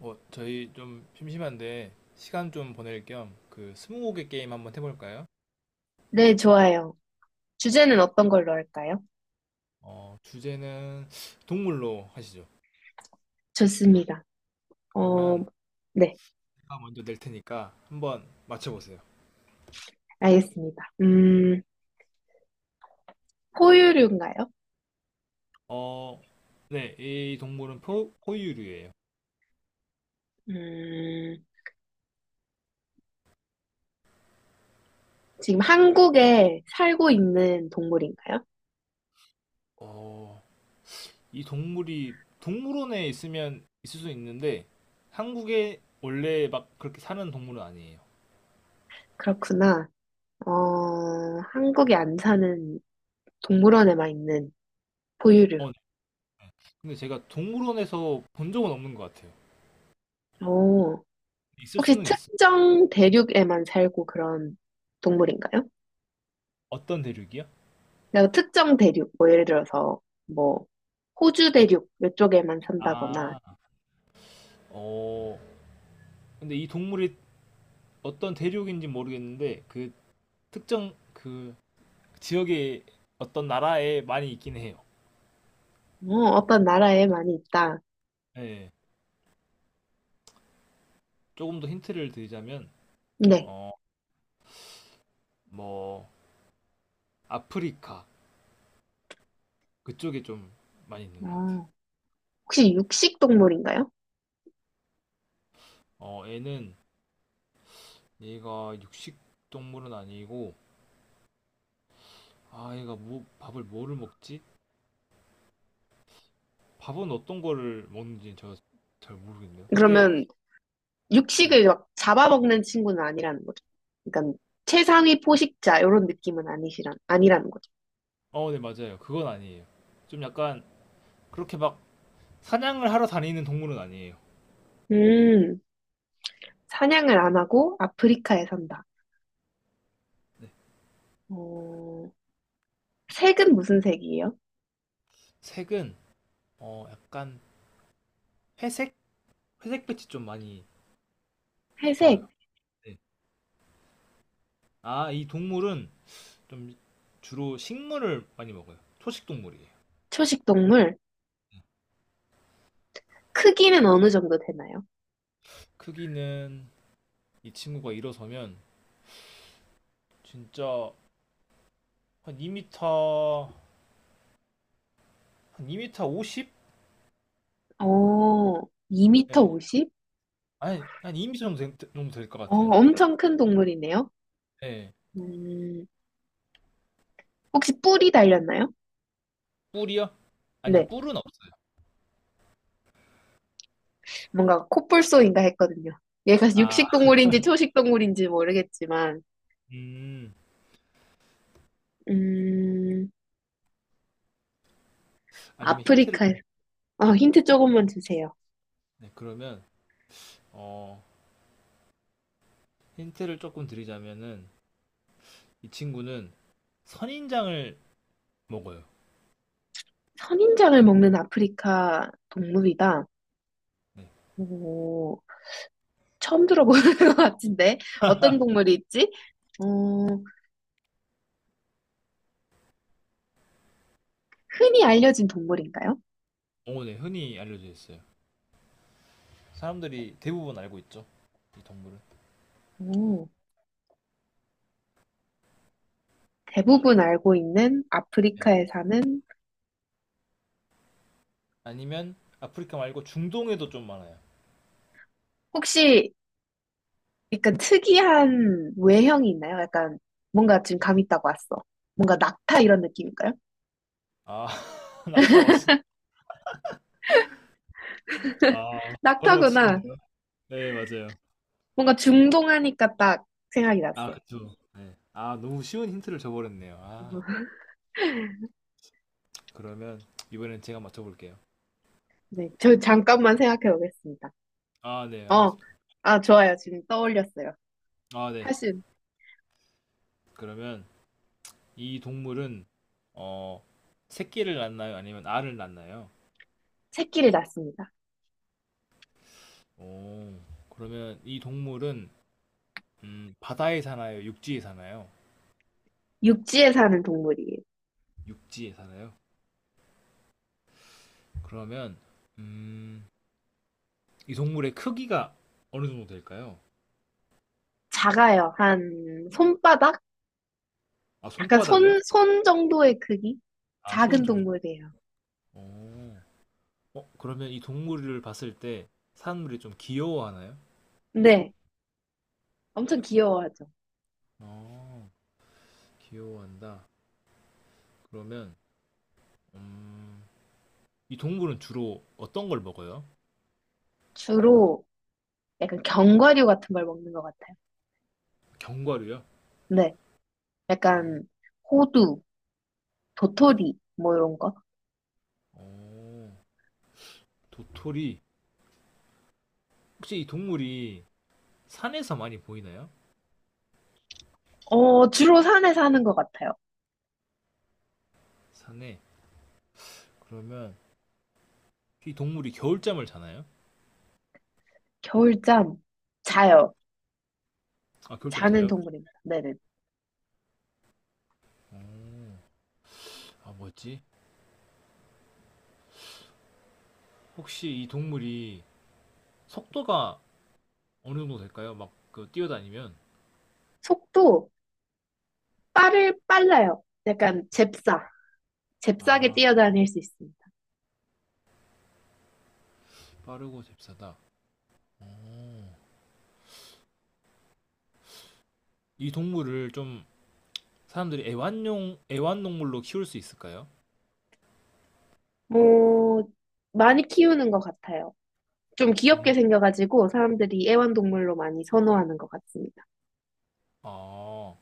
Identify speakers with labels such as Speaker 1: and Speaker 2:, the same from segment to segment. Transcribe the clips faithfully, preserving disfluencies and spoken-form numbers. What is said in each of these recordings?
Speaker 1: 어, 저희 좀 심심한데 시간 좀 보낼 겸 그 스무고개 게임 한번 해볼까요?
Speaker 2: 네, 좋아요. 주제는 어떤 걸로 할까요?
Speaker 1: 어, 주제는 동물로 하시죠.
Speaker 2: 좋습니다. 어,
Speaker 1: 그러면
Speaker 2: 네,
Speaker 1: 제가 먼저 낼 테니까 한번 맞춰보세요.
Speaker 2: 알겠습니다. 음, 포유류인가요?
Speaker 1: 어, 네, 이 동물은 포, 포유류예요.
Speaker 2: 음, 지금 한국에 살고 있는 동물인가요?
Speaker 1: 어, 이 동물이 동물원에 있으면 있을 수 있는데 한국에 원래 막 그렇게 사는 동물은 아니에요.
Speaker 2: 그렇구나. 어, 한국에 안 사는 동물원에만 있는 포유류.
Speaker 1: 어, 네. 근데 제가 동물원에서 본 적은 없는 것 같아요.
Speaker 2: 오,
Speaker 1: 있을
Speaker 2: 혹시
Speaker 1: 수는 있어.
Speaker 2: 특정 대륙에만 살고 그런 동물인가요?
Speaker 1: 어떤 대륙이요?
Speaker 2: 그러니까 특정 대륙, 뭐 예를 들어서 뭐 호주 대륙 이쪽에만 산다거나
Speaker 1: 아, 어, 근데 이 동물이 어떤 대륙인지 모르겠는데 그 특정 그 지역의 어떤 나라에 많이 있긴 해요.
Speaker 2: 어, 어떤 나라에 많이 있다.
Speaker 1: 예. 조금 더 힌트를 드리자면
Speaker 2: 네.
Speaker 1: 어 뭐 아프리카 그쪽에 좀 많이 있는 것 같아 요.
Speaker 2: 아, 혹시 육식 동물인가요?
Speaker 1: 어 얘는 얘가 육식 동물은 아니고 아 얘가 뭐 밥을 뭐를 먹지? 밥은 어떤 거를 먹는지 저 잘 모르겠네요. 근데
Speaker 2: 그러면
Speaker 1: 네.
Speaker 2: 육식을 막 잡아먹는 친구는 아니라는 거죠. 그러니까 최상위 포식자 이런 느낌은 아니시란 아니라는 거죠.
Speaker 1: 어, 네 맞아요. 그건 아니에요. 좀 약간 그렇게 막 사냥을 하러 다니는 동물은 아니에요.
Speaker 2: 음, 사냥을 안 하고 아프리카에 산다. 어, 색은 무슨 색이에요?
Speaker 1: 색은 어, 약간 회색? 회색 빛이 좀 많이
Speaker 2: 회색,
Speaker 1: 들어요. 네. 아, 이 동물은 좀 주로 식물을 많이 먹어요. 초식 동물이에요.
Speaker 2: 초식 동물. 크기는 어느 정도 되나요?
Speaker 1: 크기는 이 친구가 일어서면 진짜 한이 미터 한이 미터 오십?
Speaker 2: 어, 이 미터
Speaker 1: 네.
Speaker 2: 오십?
Speaker 1: 아니, 한이 미터 정도 되- 정도 될 것
Speaker 2: 어,
Speaker 1: 같아요.
Speaker 2: 엄청 큰 동물이네요.
Speaker 1: 네.
Speaker 2: 음, 혹시 뿔이 달렸나요?
Speaker 1: 뿔이요? 아니요,
Speaker 2: 네.
Speaker 1: 뿔은 없어요.
Speaker 2: 뭔가 콧불소인가 했거든요. 얘가
Speaker 1: 아,
Speaker 2: 육식 동물인지 초식 동물인지 모르겠지만,
Speaker 1: 음,
Speaker 2: 음,
Speaker 1: 아니면 힌트를,
Speaker 2: 아프리카에서, 아,
Speaker 1: 네,
Speaker 2: 힌트 조금만 주세요.
Speaker 1: 네, 그러면, 어, 힌트를 조금 드리자면은, 이 친구는 선인장을 먹어요.
Speaker 2: 선인장을 먹는 아프리카 동물이다.
Speaker 1: 네.
Speaker 2: 오, 처음 들어보는 것 같은데, 어떤 동물이 있지? 어, 흔히 알려진 동물인가요?
Speaker 1: 어, 네, 흔히 알려져 있어요. 사람들이 대부분 알고 있죠. 이 동물은.
Speaker 2: 오, 대부분 알고 있는
Speaker 1: 네.
Speaker 2: 아프리카에 사는,
Speaker 1: 아니면 아프리카 말고 중동에도 좀 많아요.
Speaker 2: 혹시 약간 특이한 외형이 있나요? 약간 뭔가 지금 감 있다고 왔어. 뭔가 낙타 이런 느낌인가요?
Speaker 1: 아, 낙타 왔어. 아, 바로
Speaker 2: 낙타구나.
Speaker 1: 맞추셨네요. 네, 맞아요.
Speaker 2: 뭔가 중동하니까 딱 생각이
Speaker 1: 아,
Speaker 2: 났어요.
Speaker 1: 그쵸. 네. 아, 너무 쉬운 힌트를 줘버렸네요. 아, 그러면 이번엔 제가 맞춰볼게요.
Speaker 2: 네, 저 잠깐만 생각해 보겠습니다.
Speaker 1: 아, 네,
Speaker 2: 어,
Speaker 1: 알겠습니다.
Speaker 2: 아, 좋아요. 지금 떠올렸어요.
Speaker 1: 아, 네.
Speaker 2: 사실
Speaker 1: 그러면 이 동물은 어, 새끼를 낳나요? 아니면 알을 낳나요?
Speaker 2: 새끼를 낳습니다.
Speaker 1: 오, 그러면 이 동물은 음, 바다에 사나요? 육지에 사나요?
Speaker 2: 육지에 사는 동물이에요.
Speaker 1: 육지에 살아요. 그러면 음, 이 동물의 크기가 어느 정도 될까요?
Speaker 2: 작아요. 한 손바닥?
Speaker 1: 아,
Speaker 2: 약간
Speaker 1: 손바닥이요?
Speaker 2: 손, 손 정도의 크기?
Speaker 1: 아, 손
Speaker 2: 작은
Speaker 1: 정도.
Speaker 2: 동물이에요.
Speaker 1: 어, 어, 그러면 이 동물을 봤을 때 사람들이 좀 귀여워하나요?
Speaker 2: 네, 엄청 귀여워하죠.
Speaker 1: 어, 귀여워한다. 그러면 음, 이 동물은 주로 어떤 걸 먹어요?
Speaker 2: 주로 약간 견과류 같은 걸 먹는 것 같아요.
Speaker 1: 견과류요?
Speaker 2: 네,
Speaker 1: 어,
Speaker 2: 약간 호두, 도토리, 뭐 이런 거.
Speaker 1: 어, 도토리. 혹시 이 동물이 산에서 많이 보이나요?
Speaker 2: 어, 주로 산에 사는 것 같아요.
Speaker 1: 산에. 그러면 이 동물이 겨울잠을 자나요?
Speaker 2: 겨울잠 자요.
Speaker 1: 아, 겨울잠
Speaker 2: 자는
Speaker 1: 자요?
Speaker 2: 동물입니다. 네네.
Speaker 1: 어. 아, 뭐였지? 혹시 이 동물이 속도가 어느 정도 될까요? 막, 그, 뛰어다니면?
Speaker 2: 속도 빠를 빨라요. 약간 잽싸. 잽싸게
Speaker 1: 아,
Speaker 2: 뛰어다닐 수 있습니다.
Speaker 1: 빠르고 잽싸다. 오. 이 동물을 좀 사람들이 애완용, 애완동물로 키울 수 있을까요?
Speaker 2: 뭐 많이 키우는 것 같아요. 좀 귀엽게
Speaker 1: 음.
Speaker 2: 생겨가지고 사람들이 애완동물로 많이 선호하는 것 같습니다.
Speaker 1: 아,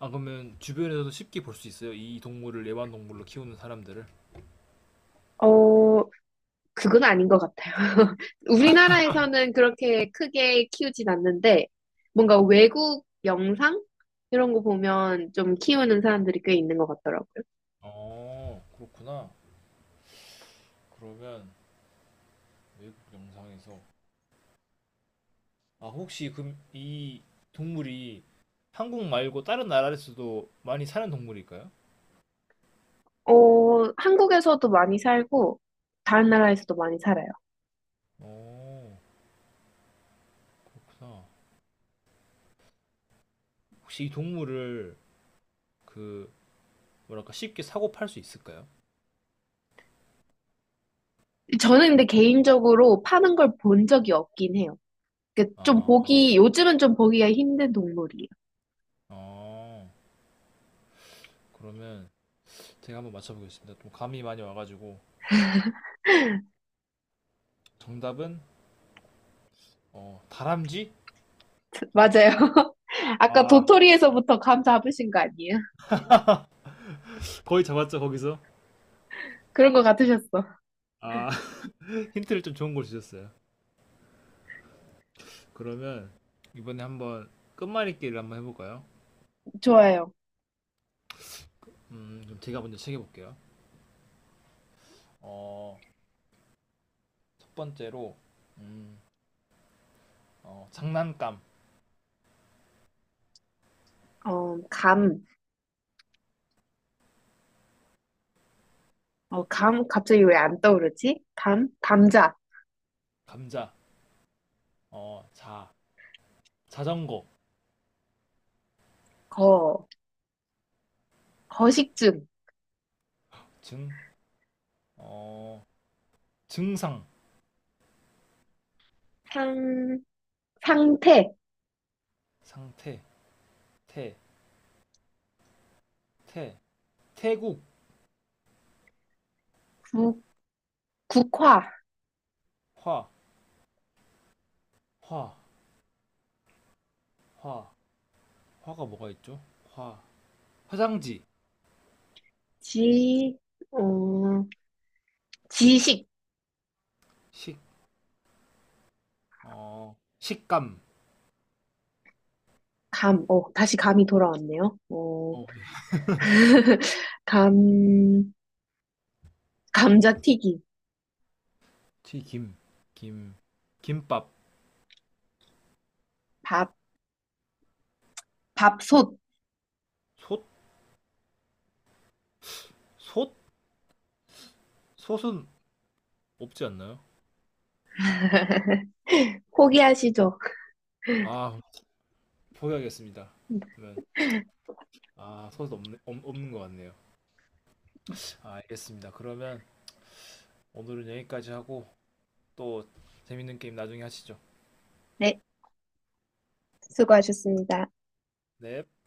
Speaker 1: 아, 그러면 주변에서도 쉽게 볼 수 있어요? 이 동물을 애완동물로 키우는 사람들을?
Speaker 2: 어, 그건 아닌 것 같아요. 우리나라에서는 그렇게 크게 키우진 않는데 뭔가 외국 영상 이런 거 보면 좀 키우는 사람들이 꽤 있는 것 같더라고요.
Speaker 1: 어, 그렇구나. 그러면 외국 영상에서. 아, 혹시 그럼 이 동물이 한국 말고 다른 나라에서도 많이 사는 동물일까요?
Speaker 2: 어, 한국에서도 많이 살고, 다른 나라에서도 많이 살아요.
Speaker 1: 어. 그래서 혹시 이 동물을 그 뭐랄까 쉽게 사고 팔 수 있을까요?
Speaker 2: 저는 근데 개인적으로 파는 걸 본 적이 없긴 해요. 그좀
Speaker 1: 아, 아,
Speaker 2: 보기, 요즘은 좀 보기가 힘든 동물이에요.
Speaker 1: 아. 그러면 제가 한번 맞춰보겠습니다. 좀 감이 많이 와가지고 정답은 어, 다람쥐?
Speaker 2: 맞아요. 아까
Speaker 1: 아,
Speaker 2: 도토리에서부터 감 잡으신 거 아니에요?
Speaker 1: 거의 잡았죠 거기서?
Speaker 2: 그런 거 같으셨어.
Speaker 1: 아, 힌트를 좀 좋은 걸 주셨어요. 그러면 이번에 한번 끝말잇기를 한번 해볼까요?
Speaker 2: 좋아요.
Speaker 1: 음, 그럼 제가 먼저 챙겨볼게요. 어, 첫 번째로 음, 어, 장난감,
Speaker 2: 어, 감. 어, 감, 갑자기 왜 안 떠오르지? 감? 감자.
Speaker 1: 감자, 어, 자, 자전거,
Speaker 2: 거. 거식증.
Speaker 1: 증, 어, 증상.
Speaker 2: 상, 상태.
Speaker 1: 상태, 태, 태, 태국,
Speaker 2: 국, 국화.
Speaker 1: 화, 화, 화, 화가 뭐가 있죠? 화, 화장지,
Speaker 2: 지, 어, 지식.
Speaker 1: 식, 어, 식감,
Speaker 2: 감, 어, 다시 감이 돌아왔네요. 어,
Speaker 1: 어,
Speaker 2: 감, 감자튀김,
Speaker 1: 튀김, 김, 김밥,
Speaker 2: 밥, 밥솥.
Speaker 1: 솥, 솥, 솥은 없지 않나요?
Speaker 2: 포기하시죠.
Speaker 1: 아, 포기하겠습니다. 그러면 아, 솥은 없네, 없, 없는 것 같네요. 아, 알겠습니다. 그러면 오늘은 여기까지 하고 또 재밌는 게임 나중에 하시죠.
Speaker 2: 네, 수고하셨습니다.
Speaker 1: 넵.